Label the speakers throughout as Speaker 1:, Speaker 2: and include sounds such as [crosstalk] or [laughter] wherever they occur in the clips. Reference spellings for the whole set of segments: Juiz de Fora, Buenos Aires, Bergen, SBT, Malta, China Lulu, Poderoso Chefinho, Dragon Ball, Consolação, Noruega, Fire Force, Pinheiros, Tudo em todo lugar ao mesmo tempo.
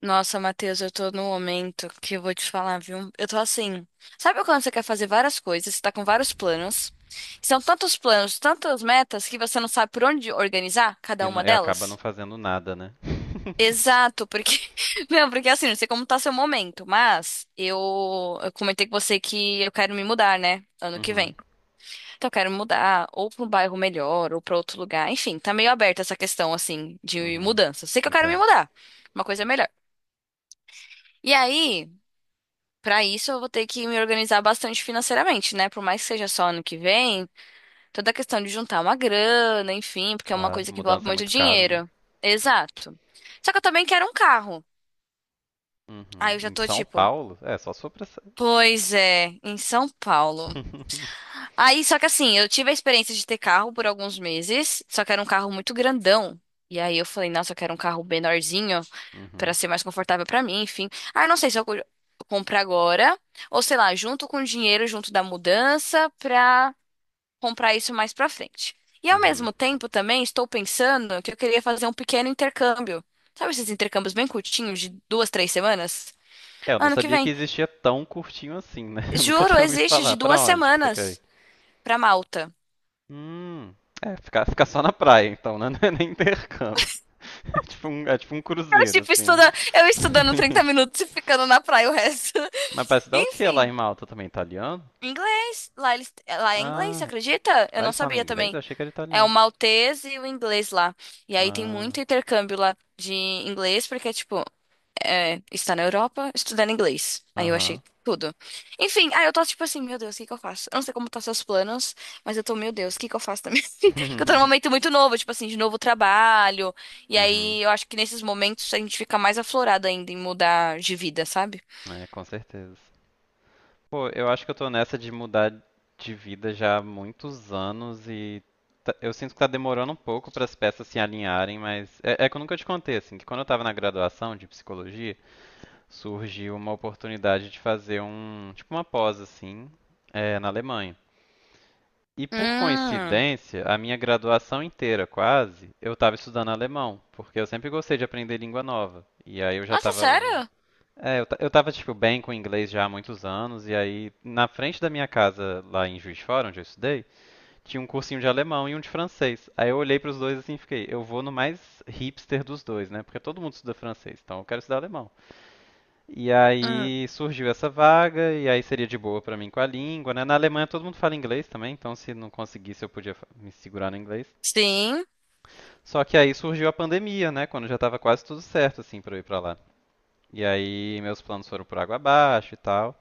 Speaker 1: Nossa, Matheus, eu tô no momento que eu vou te falar, viu? Eu tô assim. Sabe quando você quer fazer várias coisas, você tá com vários planos? São tantos planos, tantas metas que você não sabe por onde organizar cada
Speaker 2: E, não-
Speaker 1: uma
Speaker 2: e acaba não
Speaker 1: delas?
Speaker 2: fazendo nada, né? [laughs]
Speaker 1: Exato, porque. [laughs] Não, porque assim, não sei como tá seu momento, mas eu comentei com você que eu quero me mudar, né? Ano que
Speaker 2: Uhum,
Speaker 1: vem. Então eu quero mudar ou pra um bairro melhor ou pra outro lugar. Enfim, tá meio aberta essa questão, assim, de
Speaker 2: uhum.
Speaker 1: mudança. Sei que eu quero me
Speaker 2: Entendo.
Speaker 1: mudar. Uma coisa melhor. E aí. Para isso, eu vou ter que me organizar bastante financeiramente, né? Por mais que seja só ano que vem, toda a questão de juntar uma grana, enfim, porque é uma
Speaker 2: Claro,
Speaker 1: coisa que envolve
Speaker 2: mudança é
Speaker 1: muito
Speaker 2: muito caro, né?
Speaker 1: dinheiro. Exato. Só que eu também quero um carro. Aí
Speaker 2: Uhum.
Speaker 1: eu já
Speaker 2: Em
Speaker 1: tô
Speaker 2: São
Speaker 1: tipo,
Speaker 2: Paulo, é só sobressair.
Speaker 1: pois é, em São Paulo.
Speaker 2: [laughs]
Speaker 1: Aí, só que assim, eu tive a experiência de ter carro por alguns meses, só que era um carro muito grandão. E aí eu falei, nossa, eu quero um carro menorzinho. Pra
Speaker 2: Uhum,
Speaker 1: ser mais confortável pra mim, enfim. Ah, eu não sei se eu compro agora ou sei lá, junto com o dinheiro junto da mudança pra comprar isso mais pra frente. E ao
Speaker 2: uhum.
Speaker 1: mesmo tempo também estou pensando que eu queria fazer um pequeno intercâmbio. Sabe esses intercâmbios bem curtinhos de duas, três semanas?
Speaker 2: É, eu não
Speaker 1: Ano que
Speaker 2: sabia que
Speaker 1: vem.
Speaker 2: existia tão curtinho assim, né? [laughs] Eu nunca
Speaker 1: Juro,
Speaker 2: tinha ouvido
Speaker 1: existe
Speaker 2: falar.
Speaker 1: de
Speaker 2: Pra
Speaker 1: duas
Speaker 2: onde que você quer ir?
Speaker 1: semanas pra Malta.
Speaker 2: Hum, é, ficar, ficar só na praia, então, né? [laughs] Não é nem intercâmbio. [laughs] É tipo um
Speaker 1: Eu,
Speaker 2: cruzeiro,
Speaker 1: tipo,
Speaker 2: assim, né?
Speaker 1: estuda, eu estudando
Speaker 2: [laughs]
Speaker 1: 30 minutos e ficando na praia o resto.
Speaker 2: Mas parece
Speaker 1: [laughs]
Speaker 2: dar o que lá em
Speaker 1: Enfim,
Speaker 2: Malta também? Italiano?
Speaker 1: inglês. Lá é inglês, você
Speaker 2: Ah,
Speaker 1: acredita? Eu
Speaker 2: lá
Speaker 1: não
Speaker 2: eles falam
Speaker 1: sabia
Speaker 2: inglês?
Speaker 1: também.
Speaker 2: Eu achei que era
Speaker 1: É o
Speaker 2: italiano.
Speaker 1: maltês e o inglês lá. E aí tem
Speaker 2: Ah.
Speaker 1: muito intercâmbio lá de inglês, porque, tipo, é, está na Europa estudando inglês. Aí eu achei
Speaker 2: Aham.
Speaker 1: tudo. Enfim, aí eu tô tipo assim, meu Deus, o que que eu faço? Eu não sei como tá seus planos, mas eu tô, meu Deus, o que que eu faço também? [laughs] Porque eu tô num
Speaker 2: [laughs]
Speaker 1: momento muito novo, tipo assim, de novo trabalho. E
Speaker 2: Uhum.
Speaker 1: aí eu acho que nesses momentos a gente fica mais aflorado ainda em mudar de vida, sabe?
Speaker 2: É, com certeza. Pô, eu acho que eu tô nessa de mudar de vida já há muitos anos e eu sinto que tá demorando um pouco para as peças se alinharem, mas é que eu nunca te contei, assim, que quando eu tava na graduação de psicologia, surgiu uma oportunidade de fazer tipo uma pós, assim, é, na Alemanha. E por
Speaker 1: Hum.
Speaker 2: coincidência, a minha graduação inteira, quase, eu estava estudando alemão, porque eu sempre gostei de aprender língua nova. E aí eu já
Speaker 1: Nossa,
Speaker 2: estava.
Speaker 1: sério?
Speaker 2: É, eu tava, tipo, bem com inglês já há muitos anos, e aí, na frente da minha casa, lá em Juiz de Fora, onde eu estudei, tinha um cursinho de alemão e um de francês. Aí eu olhei pros dois assim e fiquei, eu vou no mais hipster dos dois, né? Porque todo mundo estuda francês, então eu quero estudar alemão. E
Speaker 1: Hum.
Speaker 2: aí surgiu essa vaga, e aí seria de boa pra mim com a língua, né? Na Alemanha todo mundo fala inglês também, então se não conseguisse eu podia me segurar no inglês.
Speaker 1: Sim.
Speaker 2: Só que aí surgiu a pandemia, né? Quando já tava quase tudo certo, assim, pra eu ir pra lá. E aí meus planos foram por água abaixo e tal.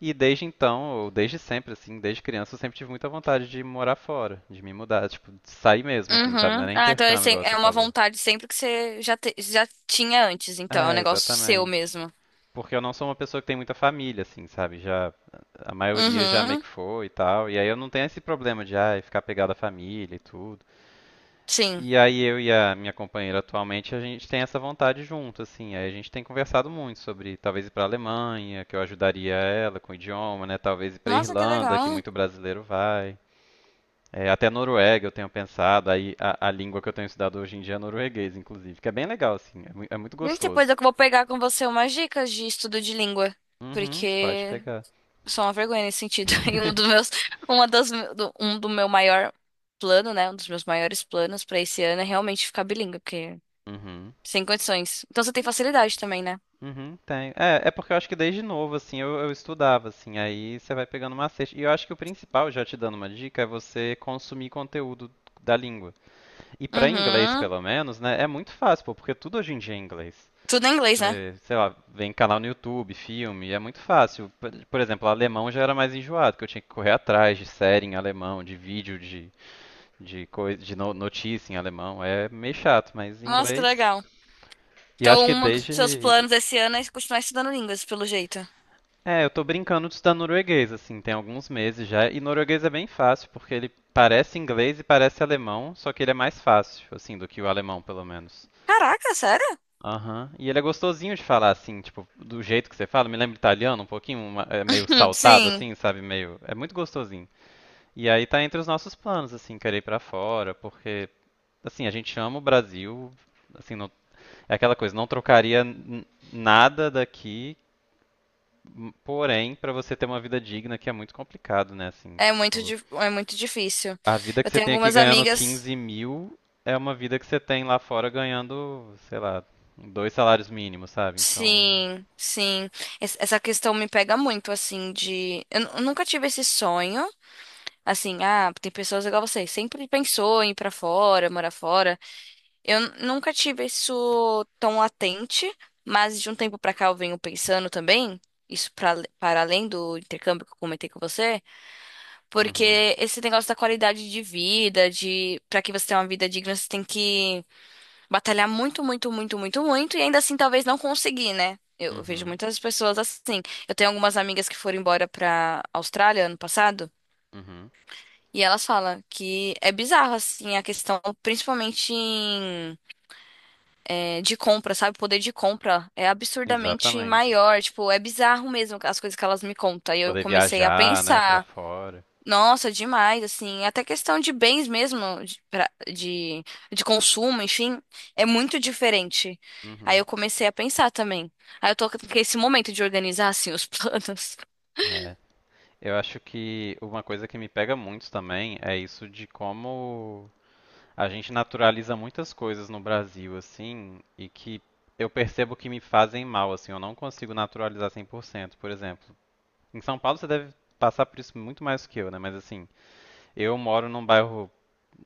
Speaker 2: E desde então, ou desde sempre, assim, desde criança, eu sempre tive muita vontade de morar fora, de me mudar, tipo, de sair mesmo, assim, sabe? Não é
Speaker 1: Uhum.
Speaker 2: nem
Speaker 1: Ah, então é
Speaker 2: intercâmbio, igual você
Speaker 1: é uma
Speaker 2: falou.
Speaker 1: vontade sempre que você já tinha antes, então. É um
Speaker 2: É,
Speaker 1: negócio seu
Speaker 2: exatamente.
Speaker 1: mesmo.
Speaker 2: Porque eu não sou uma pessoa que tem muita família, assim, sabe? Já, a maioria já meio
Speaker 1: Uhum.
Speaker 2: que foi e tal. E aí eu não tenho esse problema de, ai, ficar pegado à família e tudo.
Speaker 1: Sim.
Speaker 2: E aí eu e a minha companheira atualmente, a gente tem essa vontade junto, assim. Aí a gente tem conversado muito sobre talvez ir pra Alemanha, que eu ajudaria ela com o idioma, né? Talvez ir pra
Speaker 1: Nossa, que
Speaker 2: Irlanda, que
Speaker 1: legal.
Speaker 2: muito brasileiro vai. É, até Noruega eu tenho pensado, aí a língua que eu tenho estudado hoje em dia é norueguês, inclusive, que é bem legal, assim, é muito
Speaker 1: E depois eu
Speaker 2: gostoso.
Speaker 1: vou pegar com você umas dicas de estudo de língua.
Speaker 2: Uhum, pode
Speaker 1: Porque
Speaker 2: pegar.
Speaker 1: sou uma vergonha nesse sentido. [laughs]
Speaker 2: [laughs]
Speaker 1: Uma das, do- um do meu maior plano, né? Um dos meus maiores planos pra esse ano é realmente ficar bilíngue, porque
Speaker 2: Uhum,
Speaker 1: sem condições. Então você tem facilidade também, né?
Speaker 2: uhum, tenho. É porque eu acho que desde novo, assim, eu estudava, assim, aí você vai pegando macete. E eu acho que o principal, já te dando uma dica, é você consumir conteúdo da língua. E para inglês,
Speaker 1: Uhum.
Speaker 2: pelo menos, né, é muito fácil, pô, porque tudo hoje em dia é inglês.
Speaker 1: Tudo em inglês, né?
Speaker 2: Você, sei lá, vem canal no YouTube, filme, é muito fácil. Por exemplo, alemão já era mais enjoado, que eu tinha que correr atrás de série em alemão, de vídeo, de, coisa, de notícia em alemão. É meio chato, mas em
Speaker 1: Nossa, que
Speaker 2: inglês.
Speaker 1: legal.
Speaker 2: E
Speaker 1: Então,
Speaker 2: acho que
Speaker 1: um dos seus
Speaker 2: desde.
Speaker 1: planos esse ano é continuar estudando línguas, pelo jeito.
Speaker 2: É, eu tô brincando de estudar norueguês, assim, tem alguns meses já. E norueguês é bem fácil, porque ele parece inglês e parece alemão, só que ele é mais fácil, assim, do que o alemão, pelo menos.
Speaker 1: Caraca, sério? [laughs]
Speaker 2: Aham. E ele é gostosinho de falar assim, tipo, do jeito que você fala, me lembra italiano um pouquinho, é meio saltado
Speaker 1: Sim,
Speaker 2: assim, sabe, meio, é muito gostosinho. E aí tá entre os nossos planos assim, querer ir pra fora, porque assim, a gente ama o Brasil, assim, é aquela coisa, não trocaria nada daqui, porém, pra você ter uma vida digna que é muito complicado, né, assim,
Speaker 1: é
Speaker 2: tipo,
Speaker 1: é muito difícil.
Speaker 2: a vida que
Speaker 1: Eu
Speaker 2: você
Speaker 1: tenho
Speaker 2: tem aqui
Speaker 1: algumas
Speaker 2: ganhando
Speaker 1: amigas.
Speaker 2: 15 mil é uma vida que você tem lá fora ganhando, sei lá, dois salários mínimos, sabe? Então.
Speaker 1: Sim, sim. Essa questão me pega muito, assim, de. Eu nunca tive esse sonho. Assim, ah, tem pessoas igual você, sempre pensou em ir pra fora, morar fora. Eu nunca tive isso tão latente, mas de um tempo pra cá eu venho pensando também, isso para além do intercâmbio que eu comentei com você.
Speaker 2: Uhum,
Speaker 1: Porque esse negócio da qualidade de vida, de para que você tenha uma vida digna, você tem que batalhar muito, muito, muito, muito, muito e ainda assim talvez não conseguir, né? Eu vejo
Speaker 2: uhum,
Speaker 1: muitas pessoas assim. Eu tenho algumas amigas que foram embora para Austrália ano passado
Speaker 2: uhum.
Speaker 1: e elas falam que é bizarro assim a questão, principalmente de compra, sabe? O poder de compra é absurdamente
Speaker 2: Exatamente.
Speaker 1: maior, tipo, é bizarro mesmo as coisas que elas me contam. E eu
Speaker 2: Poder
Speaker 1: comecei a
Speaker 2: viajar, né, pra
Speaker 1: pensar.
Speaker 2: fora.
Speaker 1: Nossa, demais, assim, até questão de bens mesmo, de consumo, enfim, é muito diferente. Aí
Speaker 2: Uhum.
Speaker 1: eu comecei a pensar também. Aí eu tô com esse momento de organizar, assim, os [laughs] planos.
Speaker 2: É. Eu acho que uma coisa que me pega muito também é isso de como a gente naturaliza muitas coisas no Brasil, assim, e que eu percebo que me fazem mal, assim, eu não consigo naturalizar 100%. Por exemplo, em São Paulo você deve passar por isso muito mais que eu, né? Mas assim, eu moro num bairro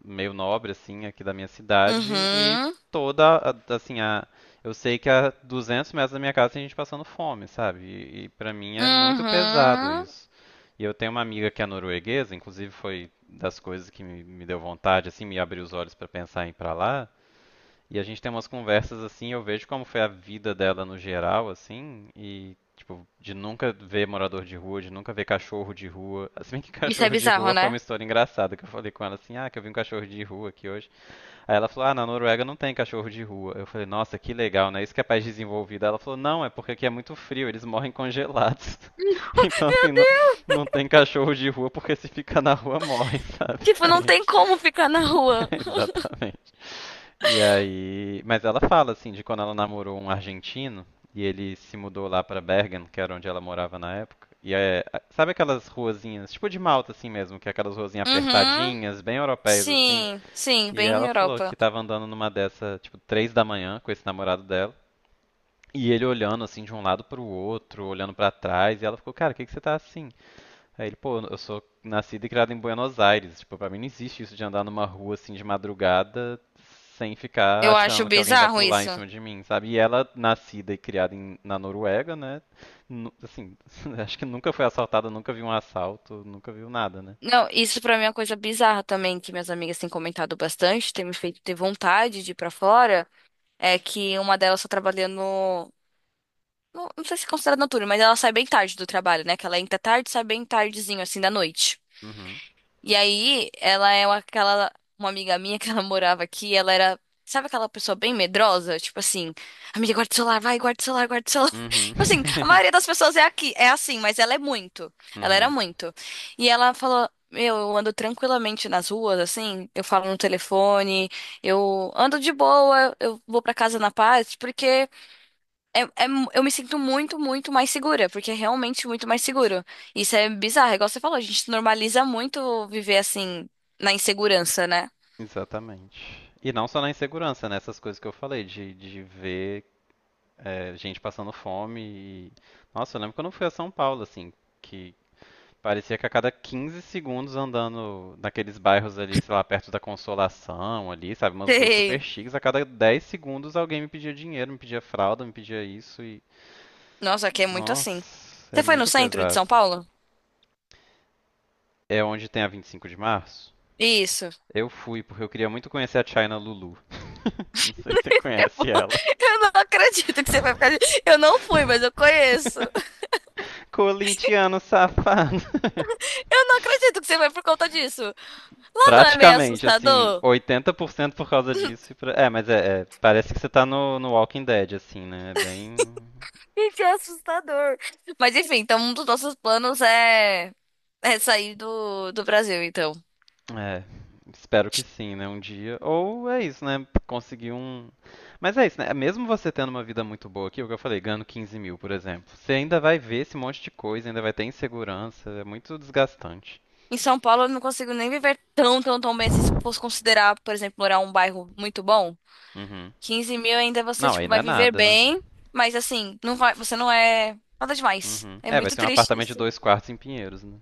Speaker 2: meio nobre assim aqui da minha cidade e
Speaker 1: Uhum,
Speaker 2: assim, a eu sei que a 200 metros da minha casa tem gente passando fome, sabe? E para mim é muito pesado
Speaker 1: uhum.
Speaker 2: isso. E eu tenho uma amiga que é norueguesa, inclusive foi das coisas que me deu vontade assim, me abriu os olhos para pensar em ir para lá, e a gente tem umas conversas assim, eu vejo como foi a vida dela no geral, assim, e tipo, de nunca ver morador de rua, de nunca ver cachorro de rua. [laughs] Se bem que
Speaker 1: Isso é
Speaker 2: cachorro de
Speaker 1: bizarro,
Speaker 2: rua foi uma
Speaker 1: né?
Speaker 2: história engraçada, que eu falei com ela assim, ah, que eu vi um cachorro de rua aqui hoje. Aí ela falou, ah, na Noruega não tem cachorro de rua. Eu falei, nossa, que legal, né? Isso que é país desenvolvido. Ela falou, não, é porque aqui é muito frio, eles morrem congelados. [laughs] Então, assim, não, não tem cachorro de rua porque se ficar na rua morre, sabe?
Speaker 1: Tipo, não tem como ficar na rua.
Speaker 2: [laughs] Exatamente. E aí, mas ela fala assim de quando ela namorou um argentino e ele se mudou lá pra Bergen, que era onde ela morava na época. E é, sabe aquelas ruazinhas, tipo de Malta assim mesmo, que é aquelas ruazinhas
Speaker 1: Uhum,
Speaker 2: apertadinhas, bem europeias assim.
Speaker 1: sim, sim,
Speaker 2: E
Speaker 1: bem
Speaker 2: ela falou que
Speaker 1: Europa.
Speaker 2: tava andando numa dessa, tipo, 3 da manhã com esse namorado dela. E ele olhando assim de um lado pro outro, olhando pra trás, e ela ficou, cara, o que que você tá assim? Aí ele, pô, eu sou nascido e criado em Buenos Aires. Tipo, pra mim não existe isso de andar numa rua assim de madrugada sem ficar
Speaker 1: Eu acho
Speaker 2: achando que alguém vai
Speaker 1: bizarro
Speaker 2: pular em
Speaker 1: isso.
Speaker 2: cima de mim, sabe? E ela, nascida e criada na Noruega, né? Assim, [laughs] acho que nunca foi assaltada, nunca viu um assalto, nunca viu nada, né?
Speaker 1: Não, isso pra mim é uma coisa bizarra também, que minhas amigas têm comentado bastante, tem me feito ter vontade de ir pra fora. É que uma delas só trabalha no. Não, não sei se é considerado noturno, mas ela sai bem tarde do trabalho, né? Que ela entra tarde, e sai bem tardezinho, assim, da noite.
Speaker 2: Uhum.
Speaker 1: E aí, ela é uma- aquela. Uma amiga minha que [laughs] ela morava aqui, ela era. Sabe aquela pessoa bem medrosa? Tipo assim, amiga, guarda o celular, vai, guarda o celular, guarda o celular. [laughs]
Speaker 2: Uhum.
Speaker 1: Tipo assim, a maioria
Speaker 2: [laughs]
Speaker 1: das pessoas é aqui, é assim, mas ela é muito. Ela era
Speaker 2: Uhum.
Speaker 1: muito. E ela falou: meu, eu ando tranquilamente nas ruas, assim, eu falo no telefone, eu ando de boa, eu vou pra casa na paz, porque. Eu me sinto muito, muito mais segura, porque é realmente muito mais seguro. Isso é bizarro, é igual você falou, a gente normaliza muito viver assim, na insegurança, né?
Speaker 2: Exatamente. E não só na insegurança, né? Essas coisas que eu falei, de ver é, gente passando fome. E... Nossa, eu lembro quando eu fui a São Paulo, assim, que parecia que a cada 15 segundos andando naqueles bairros ali, sei lá, perto da Consolação ali, sabe,
Speaker 1: [laughs]
Speaker 2: umas ruas
Speaker 1: Sim.
Speaker 2: super chiques, a cada 10 segundos alguém me pedia dinheiro, me pedia fralda, me pedia isso e
Speaker 1: Nossa, aqui é muito assim.
Speaker 2: nossa, é
Speaker 1: Você foi no
Speaker 2: muito
Speaker 1: centro de
Speaker 2: pesado.
Speaker 1: São Paulo?
Speaker 2: É onde tem a 25 de Março?
Speaker 1: Isso.
Speaker 2: Eu fui porque eu queria muito conhecer a China Lulu. Não sei se você
Speaker 1: [laughs] Eu
Speaker 2: conhece
Speaker 1: vou-
Speaker 2: ela.
Speaker 1: eu não acredito que você vai ficar. Eu não fui, mas eu conheço.
Speaker 2: [laughs] Corintiano safado.
Speaker 1: Eu não acredito que você vai por conta disso.
Speaker 2: [laughs]
Speaker 1: Lá não é meio
Speaker 2: Praticamente, assim,
Speaker 1: assustador?
Speaker 2: 80% por cento por causa disso. É, mas é, parece que você tá no Walking Dead, assim, né? É bem.
Speaker 1: Gente, é assustador. Mas enfim, então um dos nossos planos é, é sair do Brasil, então.
Speaker 2: É, espero que sim, né? Um dia. Ou é isso, né? Conseguir um. Mas é isso, né? Mesmo você tendo uma vida muito boa aqui, é o que eu falei, ganhando 15 mil, por exemplo, você ainda vai ver esse monte de coisa, ainda vai ter insegurança, é muito desgastante.
Speaker 1: Em São Paulo eu não consigo nem viver tão, tão, tão bem assim, se fosse considerar, por exemplo, morar um bairro muito bom.
Speaker 2: Uhum.
Speaker 1: 15 mil ainda você,
Speaker 2: Não, aí
Speaker 1: tipo,
Speaker 2: não
Speaker 1: vai
Speaker 2: é
Speaker 1: viver
Speaker 2: nada, né?
Speaker 1: bem, mas assim, não vai, você não é nada demais.
Speaker 2: Uhum.
Speaker 1: É
Speaker 2: É, vai
Speaker 1: muito
Speaker 2: ser um
Speaker 1: triste
Speaker 2: apartamento de
Speaker 1: isso.
Speaker 2: dois quartos em Pinheiros, né?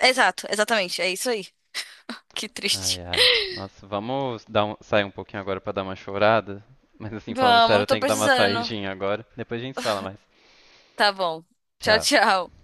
Speaker 1: Exato, exatamente, é isso aí. Que triste.
Speaker 2: Ai, ai. Nossa, vamos sair um pouquinho agora pra dar uma chorada? Mas assim, falando
Speaker 1: Vamos,
Speaker 2: sério, eu
Speaker 1: eu tô
Speaker 2: tenho que dar uma
Speaker 1: precisando.
Speaker 2: saidinha agora. Depois a gente se fala mais.
Speaker 1: Tá bom. Tchau,
Speaker 2: Tchau.
Speaker 1: tchau.